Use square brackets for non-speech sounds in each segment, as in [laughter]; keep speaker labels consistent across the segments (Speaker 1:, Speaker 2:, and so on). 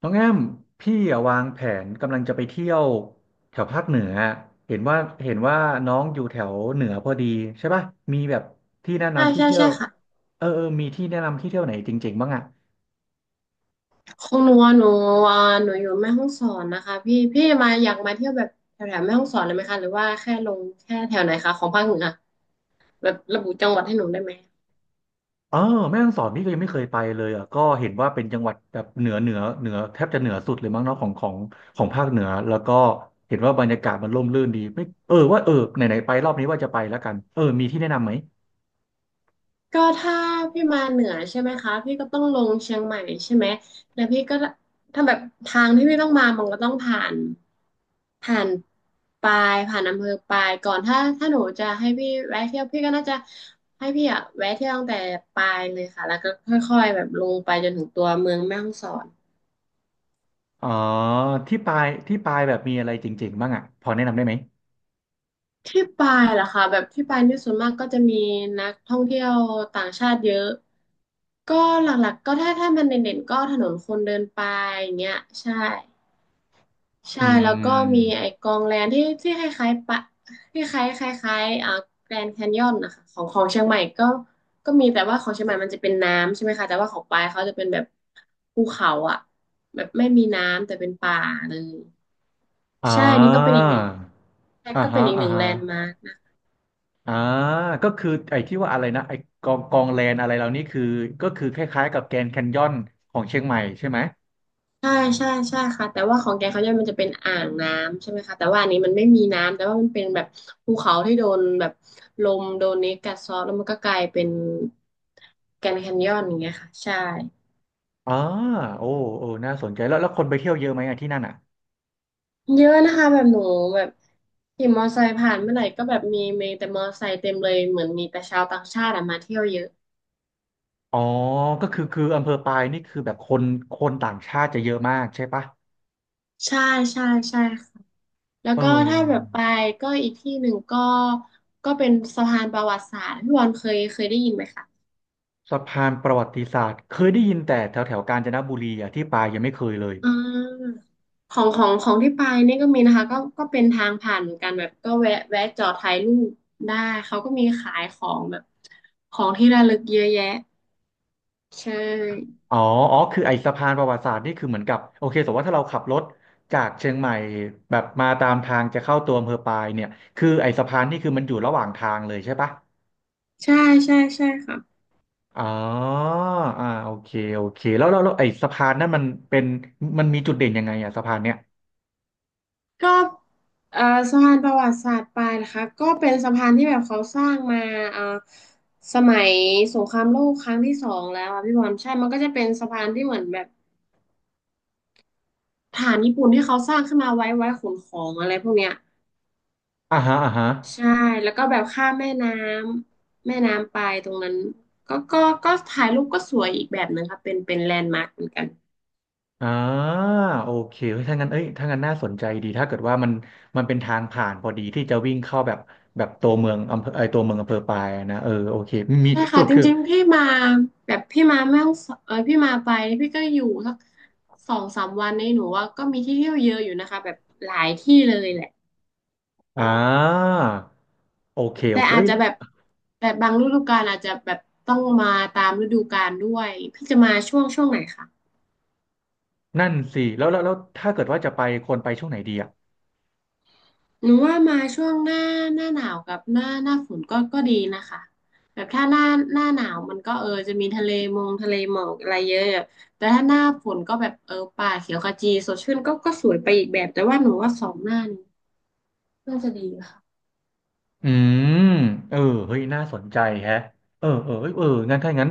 Speaker 1: น้องแอมพี่อะวางแผนกำลังจะไปเที่ยวแถวภาคเหนือเห็นว่าเห็นว่าน้องอยู่แถวเหนือพอดีใช่ป่ะมีแบบที่แนะ
Speaker 2: ใช่
Speaker 1: นำที่
Speaker 2: ใช่
Speaker 1: เที่ย
Speaker 2: ใช่
Speaker 1: ว
Speaker 2: ค่ะ
Speaker 1: เอออมีที่แนะนำที่เที่ยวไหนจริงๆบ้างอ่ะ
Speaker 2: ของหนูอะอ่าหนูอยู่แม่ฮ่องสอนนะคะพี่มาอยากมาเที่ยวแบบแถวแถวแม่ฮ่องสอนเลยไหมคะหรือว่าแค่ลงแค่แถวไหนคะของภาคเหนือแบบระบุจังหวัดให้หนูได้ไหม
Speaker 1: เออแม่ฮ่องสอนนี่ก็ยังไม่เคยไปเลยอ่ะก็เห็นว่าเป็นจังหวัดแบบเหนือแทบจะเหนือสุดเลยมั้งเนาะของของภาคเหนือแล้วก็เห็นว่าบรรยากาศมันร่มรื่นดีไม่เออว่าเออไหนไหนไปรอบนี้ว่าจะไปแล้วกันเออมีที่แนะนำไหม
Speaker 2: ก็ถ้าพี่มาเหนือใช่ไหมคะพี่ก็ต้องลงเชียงใหม่ใช่ไหมแล้วพี่ก็ถ้าแบบทางที่พี่ต้องมามันก็ต้องผ่านปายผ่านอำเภอปายก่อนถ้าหนูจะให้พี่แวะเที่ยวพี่ก็น่าจะให้พี่อะแวะเที่ยวตั้งแต่ปายเลยค่ะแล้วก็ค่อยๆแบบลงไปจนถึงตัวเมืองแม่ฮ่องสอน
Speaker 1: อ๋อที่ไปที่ไปแบบมีอะไรเจ๋งๆบ้างอ่ะพอแนะนำได้ไหม
Speaker 2: ที่ปายเหรอคะแบบที่ปายนี่ส่วนมากก็จะมีนักท่องเที่ยวต่างชาติเยอะก็หลักๆก็ถ้ามันเด่นๆก็ถนนคนเดินปายอย่างเงี้ยใช่
Speaker 1: อื
Speaker 2: ใช่แล้วก็มีไอ้
Speaker 1: ม
Speaker 2: กองแลนที่คล้ายๆปะที่คล้ายๆแกรนด์แคนยอนนะคะของเชียงใหม่ก็มีแต่ว่าของเชียงใหม่มันจะเป็นน้ำใช่ไหมคะแต่ว่าของปายเขาจะเป็นแบบภูเขาอ่ะแบบไม่มีน้ำแต่เป็นป่าเลย
Speaker 1: อ่
Speaker 2: ใช่นี่ก็เป็นอีก
Speaker 1: า
Speaker 2: หนึ่ง
Speaker 1: อ่า
Speaker 2: ก็เป็
Speaker 1: ฮะ
Speaker 2: นอีกห
Speaker 1: อ่า
Speaker 2: นึ่งแล
Speaker 1: ฮะ
Speaker 2: นด์มาร์ค
Speaker 1: อ่าก็คือไอ้ที่ว่าอะไรนะไอ้กองแลนอะไรเหล่านี้คือก็คือคล้ายๆกับแกรนด์แคนยอนของเชียงใหม่ใช่ไหม
Speaker 2: ใช่ใช่ใช่ค่ะแต่ว่าของแกเขาเนี่ยมันจะเป็นอ่างน้ำใช่ไหมคะแต่ว่าอันนี้มันไม่มีน้ำแต่ว่ามันเป็นแบบภูเขาที่โดนแบบลมโดนเนสกัดเซาะแล้วมันก็กลายเป็นแกรนด์แคนยอนอย่างเงี้ยค่ะใช่
Speaker 1: อ่าโอ้โอ้น่าสนใจแล้วคนไปเที่ยวเยอะไหมอะที่นั่นอ่ะ
Speaker 2: เยอะนะคะแบบหนูแบบขี่มอไซค์ผ่านเมื่อไหร่ก็แบบมีแต่มอไซค์เต็มเลยเหมือนมีแต่ชาวต่างชาติอะมาเที่ยวเยอะ
Speaker 1: อ๋อก็คืออำเภอปายนี่คือแบบคนต่างชาติจะเยอะมากใช่ปะ
Speaker 2: ใช่ใช่ใช่ค่ะแล้ว
Speaker 1: เ
Speaker 2: ก็ถ้าแบบ
Speaker 1: ออ
Speaker 2: ไปก็อีกที่หนึ่งก็เป็นสะพานประวัติศาสตร์พี่บอลเคยได้ยินไหมคะ
Speaker 1: สะพานประวัติศาสตร์เคยได้ยินแต่แถวแถวกาญจนบุรีอ่ะที่ปายยังไม่เคยเลย
Speaker 2: อ่าของที่ไปนี่ก็มีนะคะก็เป็นทางผ่านเหมือนกันแบบก็แวะจอดถ่ายรูปได้เขาก็มีขายของแบบของที่ระลึกเยอะแยะใช่
Speaker 1: อ๋ออ๋อคือไอ้สะพานประวัติศาสตร์นี่คือเหมือนกับโอเคสมมติว่าถ้าเราขับรถจากเชียงใหม่แบบมาตามทางจะเข้าตัวอำเภอปายเนี่ยคือไอ้สะพานนี่คือมันอยู่ระหว่างทางเลยใช่ปะ
Speaker 2: ใช่ใช่ใช่ค่ะ
Speaker 1: อ๋ออ่าโอเคโอเค แล้วไอ้สะพานนั่นมันเป็นมันมีจุดเด่นยังไงอะสะพานเนี่ย
Speaker 2: ก็เอ่อสะพานประวัติศาสตร์ปลายนะคะก็เป็นสะพานที่แบบเขาสร้างมาเอ่อสมัยสงครามโลกครั้งที่สองแล้วอะพี่บอลใช่มันก็จะเป็นสะพานที่เหมือนแบบฐานญี่ปุ่นที่เขาสร้างขึ้นมาไว้ขนของอะไรพวกเนี้ย
Speaker 1: อ่าฮะอ่าฮะ
Speaker 2: ใช่แล้วก็แบบข้ามแม่น้ำไปตรงนั้นก็ก็ก็ถ่ายรูปก็สวยอีกแบบหนึ่งค่ะเป็นแลนด์มาร์คเหมือนกัน
Speaker 1: อ่าโอเคเฮ้ยถ้างั้นเอ้ยถ้างั้นน่าสนใจดีถ้าเกิดว่ามันเป็นทางผ่านพอดีที่จะวิ่งเข้าแบบตัวเมืองอำเภอไอยตัวเมืองอำเภอปายอะนะเออโอเคมี
Speaker 2: ใช่
Speaker 1: ส
Speaker 2: ค่ะ
Speaker 1: รุป
Speaker 2: จ
Speaker 1: คือ
Speaker 2: ริงๆพี่มาแบบพี่มาแม่ฮ่องสเออพี่มาไปพี่ก็อยู่สักสองสามวันนี้หนูว่าก็มีที่เที่ยวเยอะอยู่นะคะแบบหลายที่เลยแหละ
Speaker 1: อ่าโอเคโอ
Speaker 2: แต่
Speaker 1: เค
Speaker 2: อาจ
Speaker 1: เอ้ย
Speaker 2: จะแบบแบบบางฤดูกาลอาจจะแบบต้องมาตามฤดูกาลด้วยพี่จะมาช่วงไหนคะ
Speaker 1: นั่นสิแล้วถ้าเกิดว่าจะไปควรไปช่วงไหนดีอ่ะ
Speaker 2: หนูว่ามาช่วงหน้าหนาวกับหน้าฝนก็ดีนะคะแบบถ้าหน้าหนาวมันก็จะมีทะเลหมอกอะไรเยอะอะแต่ถ้าหน้าฝนก็แบบป่าเขียวขจีสดชื่นก็สวยไปอีกแบบแต่ว่าหนูว่าสองหน้านี้น่าจะดีค่ะ
Speaker 1: อืมเออเฮ้ยน่าสนใจแฮะเออเออเอ้ยเอองั้นถ้างั้น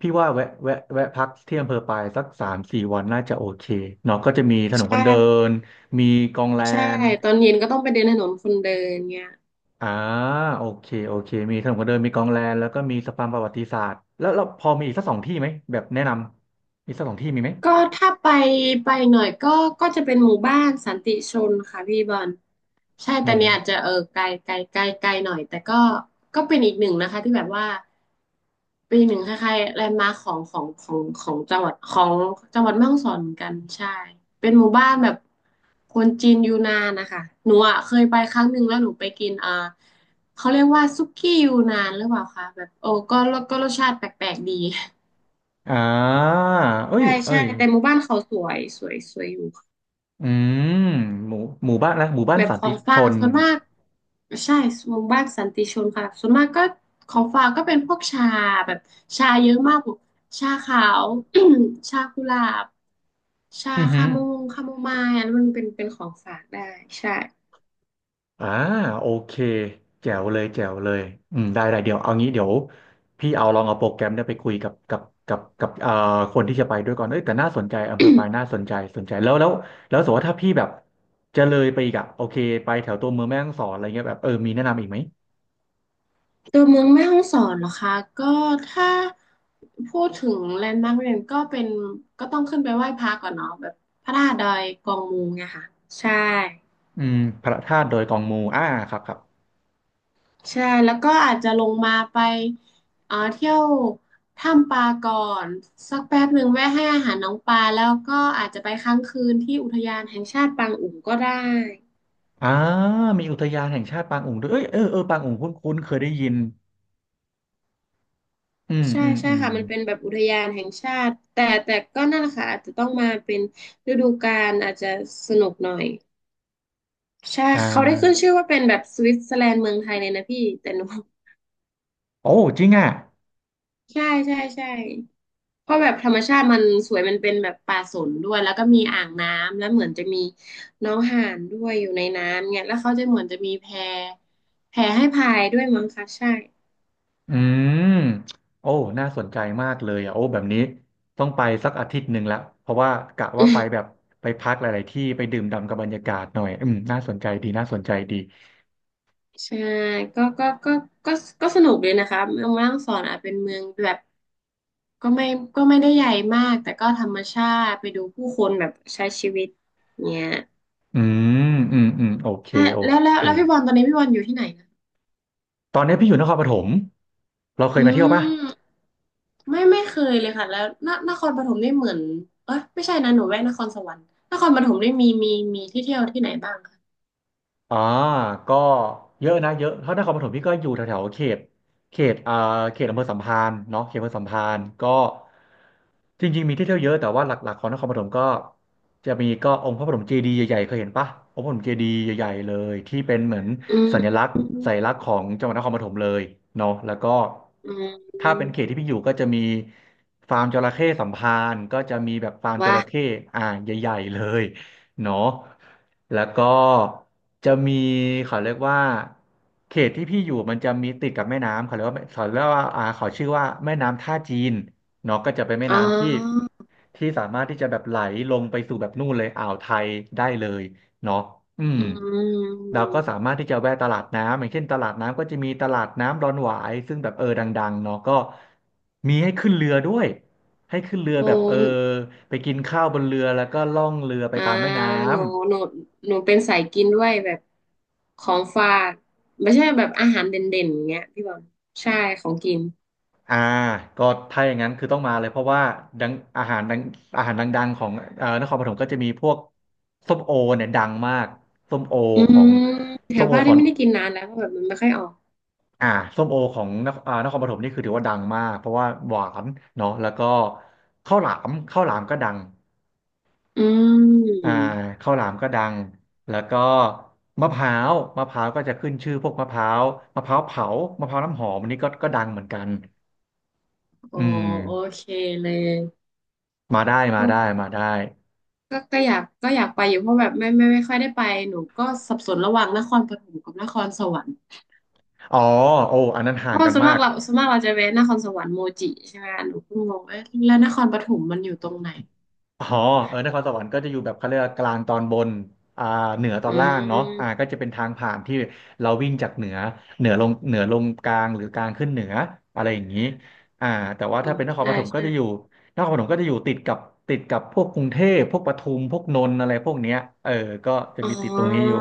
Speaker 1: พี่ว่าแวะพักที่อำเภอปายสักสามสี่วันน่าจะโอเคเนาะก็จะมีถนนค
Speaker 2: ใช่
Speaker 1: นเดินมีกองแล
Speaker 2: ใช่
Speaker 1: น
Speaker 2: ตอนเย็นก็ต้องไปเดินถนนคนเดินเงี้ย
Speaker 1: อ่าโอเคโอเคมีถนนคนเดินมีกองแลนแล้วก็มีสะพานประวัติศาสตร์แล้วเราพอมีอีกสักสองที่ไหมแบบแนะนำมีสักสองที่มีไหม
Speaker 2: ก็ถ้าไปหน่อยก็จะเป็นหมู่บ้านสันติชนค่ะพี่บอลใช่
Speaker 1: ห
Speaker 2: แต่
Speaker 1: มู
Speaker 2: เนี่ยอาจจะไกลไกลไกลไกลหน่อยแต่ก็เป็นอีกหนึ่งนะคะที่แบบว่าเป็นอีกหนึ่งคล้ายๆแลนด์มาร์คของของของของจังหวัดของจังหวัดแม่ฮ่องสอนเหมือนกันใช่เป็นหมู่บ้านแบบคนจีนยูนานนะคะหนูอ่ะเคยไปครั้งหนึ่งแล้วหนูไปกินเขาเรียกว่าซุกี้ยูนานหรือเปล่าคะแบบโอ้ก็รสชาติแปลกๆดี
Speaker 1: อ่าเอ้ย
Speaker 2: ใช่
Speaker 1: เอ้
Speaker 2: ใช่
Speaker 1: ย
Speaker 2: แต่หมู่บ้านเขาสวยสวยสวยอยู่ค่ะ
Speaker 1: อืมหมู่หมู่บ้านนะหมู่บ้าน
Speaker 2: แบบ
Speaker 1: สัน
Speaker 2: ขอ
Speaker 1: ติ
Speaker 2: ง
Speaker 1: ช
Speaker 2: ฝาก
Speaker 1: น
Speaker 2: ส่วนมากใช่หมู่บ้านสันติชนค่ะส่วนมากก็ของฝากก็เป็นพวกชาแบบชาเยอะมากพวก [clears throat] ชาขาว [clears throat] ชากุหลาบชา
Speaker 1: อือฮึ
Speaker 2: คาโมงคาโมไมล์อันนั้นมันเป็นของฝากได้ใช่
Speaker 1: อ่าโอเคแจ๋วเลยแจ๋วเลยอืมได้ได้เดี๋ยวเอางี้เดี๋ยวพี่เอาลองเอาโปรแกรมเนี่ยไปคุยกับคนที่จะไปด้วยก่อนเอ้ยแต่น่าสนใจอำเภอปายน่าสนใจสนใจแล้วสมมติว่าถ้าพี่แบบจะเลยไปอีกอะโอเคไปแถวตัวเมืองแม่ฮ่องสอนอะไรเงี้ยแบบเออมีแนะนำอีกไหม
Speaker 2: [clears throat] ตัวเมืองแม่ฮ่องสอนเหรอคะก็ถ้าพูดถึงแลนด์มาร์กเรียนก็เป็นก็ต้องขึ้นไปไหว้พระก่อนเนาะแบบพระธาตุดอยกองมูไงค่ะใช่
Speaker 1: อืมพระธาตุดอยกองมูอ่าครับครับ
Speaker 2: ใช่แล้วก็อาจจะลงมาไปเที่ยวถ้ำปลาก่อนสักแป๊บหนึ่งแวะให้อาหารน้องปลาแล้วก็อาจจะไปค้างคืนที่อุทยานแห่งชาติปางอุ๋งก็ได้
Speaker 1: อ่ามีอุทยานแห่งชาติปางอุ๋งด้วยเอ้ยเออเออปางอุ๋งคุ้นคุ้นเคยได้ยินอืม
Speaker 2: ใช่
Speaker 1: อืม
Speaker 2: ใช่
Speaker 1: อืม
Speaker 2: ค่ะมันเป็นแบบอุทยานแห่งชาติแต่ก็นั่นแหละค่ะอาจจะต้องมาเป็นฤดูกาลอาจจะสนุกหน่อยใช่
Speaker 1: อ่
Speaker 2: เขาได้ขึ้น
Speaker 1: า
Speaker 2: ชื่อว่าเป็นแบบสวิตเซอร์แลนด์เมืองไทยเลยนะพี่แต่หนู [laughs]
Speaker 1: โอ้จริงอ่ะ
Speaker 2: ใช่ใช่ใช่ เพราะแบบธรรมชาติมันสวยมันเป็นแบบป่าสนด้วยแล้วก็มีอ่างน้ำแล้วเหมือนจะมีน้องห่านด้วยอยู่ในน้ำเนี่ยแล้วเขาจะเหมือนจะมีแพให้พายด้วยมั้งคะใช่
Speaker 1: อืมโอ้น่าสนใจมากเลยอ่ะโอ้แบบนี้ต้องไปสักอาทิตย์หนึ่งละเพราะว่ากะว่าไปแบบไปพักหลายๆที่ไปดื่มด่ำกับบรรยากาศหน่อยอืมน่าสนใจดีน่าสนใจดี
Speaker 2: [laughs] ใช่ก็ก็ก็ก็ก็สนุกเลยนะคะเมืองแม่ฮ่องสอนอาจเป็นเมืองแบบก็ไม่ก็ไม่ได้ใหญ่มากแต่ก็ธรรมชาติไปดูผู้คนแบบใช้ชีวิตเนี่ย
Speaker 1: อืมอืมอืมโอเคโอ
Speaker 2: แล้วแล้
Speaker 1: เค
Speaker 2: วแล้วพี่บอลตอนนี้พี่บอลอยู่ที่ไหนนะ
Speaker 1: ตอนนี้พี่อยู่นครปฐมเราเค
Speaker 2: อื
Speaker 1: ยมาเที่ยวปะ
Speaker 2: มไม่เคยเลยค่ะแล้วนนครปฐมนี่เหมือนเอ้ยไม่ใช่นะหนูแวะนครสวรรค์นครปฐมนี่มีที่เที่ยวที่ไหนบ้างคะ
Speaker 1: อ่าก็เยอะนะเยอะถ้านครปฐมพี่ก็อยู่แถวๆเขตอ่าเขตอำเภอสัมพันธ์เนาะเขตอำเภอสัมพันธ์ก็จริงๆมีที่เที่ยวเยอะแต่ว่าหลักๆของนครปฐมก็จะมีก็องค์พระปฐมเจดีย์ใหญ่ๆเคยเห็นปะองค์พระปฐมเจดีย์ใหญ่ๆเลยที่เป็นเหมือน
Speaker 2: อื
Speaker 1: สัญ
Speaker 2: ม
Speaker 1: ลักษณ์สัญลักษณ์ของจังหวัดนครปฐมเลยเนาะแล้วก็
Speaker 2: อืม
Speaker 1: ถ้าเป็นเขตที่พี่อยู่ก็จะมีฟาร์มจระเข้สัมพันธ์ก็จะมีแบบฟาร์มจ
Speaker 2: ว่า
Speaker 1: ระเข้อ่าใหญ่ๆเลย เนาะแล้วก็จะมีเขาเรียกว่าเขตที่พี่อยู่มันจะมีติดกับแม่น้ำเขาเรียกว่าเขาเรียกว่าอ่าเขาชื่อว่าแม่น้ำท่าจีน เนาะก็จะเป็นแม่
Speaker 2: อ๋
Speaker 1: น้ำที่
Speaker 2: อ
Speaker 1: ที่สามารถที่จะแบบไหลลงไปสู่แบบนู่นเลยอ่าวไทยได้เลยเนาะอืม
Speaker 2: อื
Speaker 1: เราก็สา
Speaker 2: ม
Speaker 1: มารถที่จะแวะตลาดน้ำอย่างเช่นตลาดน้ำก็จะมีตลาดน้ำดอนหวายซึ่งแบบดังๆเนาะก็มีให้ขึ้นเรือด้วยให้ขึ้นเรือ
Speaker 2: โอ้
Speaker 1: แบบไปกินข้าวบนเรือแล้วก็ล่องเรือไป
Speaker 2: อ่า
Speaker 1: ตามแม่น้
Speaker 2: หนูหนูหนูเป็นสายกินด้วยแบบของฝากไม่ใช่แบบอาหารเด่นๆอย่างเงี้ยพี่บอลใช่ของกิน
Speaker 1: ำก็ถ้าอย่างนั้นคือต้องมาเลยเพราะว่าดังอาหารดังอาหารดังๆของนครปฐมก็จะมีพวกส้มโอเนี่ยดังมากส้มโอ
Speaker 2: อื
Speaker 1: ขอ
Speaker 2: ม
Speaker 1: ง
Speaker 2: แถ
Speaker 1: ส้ม
Speaker 2: ว
Speaker 1: โอ
Speaker 2: บ้าน
Speaker 1: ข
Speaker 2: นี่
Speaker 1: อง
Speaker 2: ไม่ได้กินนานแล้วเพราะแบบมันไม่ค่อยออก
Speaker 1: อ่าส้มโอของนครนครปฐมนี่คือถือว่าดังมากเพราะว่าหวานเนาะแล้วก็ข้าวหลามข้าวหลามก็ดัง
Speaker 2: อื
Speaker 1: อ่า
Speaker 2: ม
Speaker 1: ข้าวหลามก็ดังแล้วก็มะพร้าวมะพร้าวก็จะขึ้นชื่อพวกมะพร้าวมะพร้าวเผามะพร้าวน้ำหอมอันนี้ก็ดังเหมือนกัน
Speaker 2: อ๋อ
Speaker 1: อืม
Speaker 2: โอเคเลย
Speaker 1: มาได้มา
Speaker 2: ก็
Speaker 1: ได้มาได้
Speaker 2: ก็อยากก็อยากไปอยู่เพราะแบบไม่ค่อยได้ไปหนูก็สับสนระหว่างนครปฐมกับนครสวรรค์
Speaker 1: อ๋อโอ้อันนั้น
Speaker 2: เพ
Speaker 1: ห่าง
Speaker 2: ราะ
Speaker 1: กั
Speaker 2: ว่า
Speaker 1: น
Speaker 2: ส่วน
Speaker 1: มา
Speaker 2: มาก
Speaker 1: ก
Speaker 2: เราส่วนมากเราจะแวะนครสวรรค์โมจิใช่ไหมหนูเพ่งงเอ๊ะแล้วนครปฐมมันอยู่ตรงไหน
Speaker 1: อ๋อเออนครสวรรค์ก็จะอยู่แบบเขาเรียกว่ากลางตอนบนอ่าเหนือตอ
Speaker 2: อื
Speaker 1: นล่างเนาะ
Speaker 2: ม
Speaker 1: ก็จะเป็นทางผ่านที่เราวิ่งจากเหนือเหนือลงเหนือลงกลางหรือกลางขึ้นเหนืออะไรอย่างนี้อ่าแต่ว่า
Speaker 2: อื
Speaker 1: ถ้า
Speaker 2: ม
Speaker 1: เป็นนครป
Speaker 2: ใช่
Speaker 1: ฐมก็
Speaker 2: ใช่
Speaker 1: จะอยู่นครปฐมก็จะอยู่ติดกับติดกับพวกกรุงเทพพวกปทุมพวกนนท์อะไรพวกเนี้ยเออก็จะ
Speaker 2: อ๋
Speaker 1: มีติดตรงนี้อ
Speaker 2: อ
Speaker 1: ยู่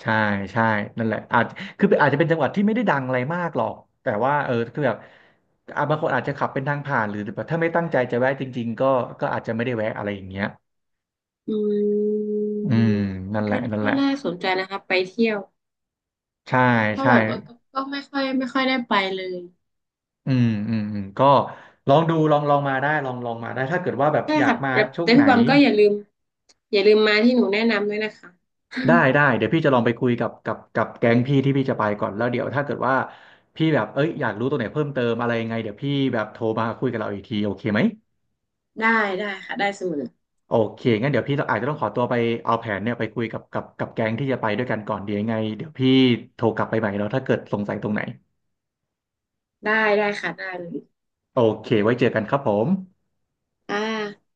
Speaker 1: ใช่ใช่นั่นแหละอาจคืออาจจะเป็นจังหวัดที่ไม่ได้ดังอะไรมากหรอกแต่ว่าคือแบบอ่ะบางคนอาจจะขับเป็นทางผ่านหรือแบบถ้าไม่ตั้งใจจะแวะจริงๆก็ก็อาจจะไม่ได้แวะอะไรอย่างเงี้ย
Speaker 2: อืม
Speaker 1: อืมนั่นแห
Speaker 2: ก็
Speaker 1: ละนั่นแห
Speaker 2: ก็
Speaker 1: ละ
Speaker 2: น่าสนใจนะคะไปเที่ยว
Speaker 1: ใช่
Speaker 2: เพราะ
Speaker 1: ใช่
Speaker 2: แบบว่าก็ก็ไม่ค่อยไม่ค่อยได้ไปเลย
Speaker 1: อืมอืมอืมก็ลองดูลองลองมาได้ลองลองมาได้ถ้าเกิดว่าแบบ
Speaker 2: ใช่
Speaker 1: อยาก
Speaker 2: ค่ะ
Speaker 1: มา
Speaker 2: แต่
Speaker 1: ช่วง
Speaker 2: แต่
Speaker 1: ไหน
Speaker 2: พี่บอมก็อย่าลืมอย่าลืมมาที่หนูแนะนำด้วยนะคะ
Speaker 1: ได้ได้เดี๋ยวพี่จะลองไปคุยกับกับแก๊งพี่ที่พี่จะไปก่อนแล้วเดี๋ยวถ้าเกิดว่าพี่แบบเอ้ยอยากรู้ตัวไหนเพิ่มเติมอะไรยังไงเดี๋ยวพี่แบบโทรมาคุยกับเราอีกทีโอเคไหม
Speaker 2: [laughs] ได้ได้ค่ะได้เสมอ
Speaker 1: โอเคงั้นเดี๋ยวพี่ต้องอาจจะต้องขอตัวไปเอาแผนเนี่ยไปคุยกับกับแก๊งที่จะไปด้วยกันก่อนเดี๋ยวยังไงเดี๋ยวพี่โทรกลับไปใหม่เนาะถ้าเกิดสงสัยตรงไหน
Speaker 2: ได้ได้ค่ะได้เลย
Speaker 1: โอเค ไว้เจอกันครับผม
Speaker 2: อ่า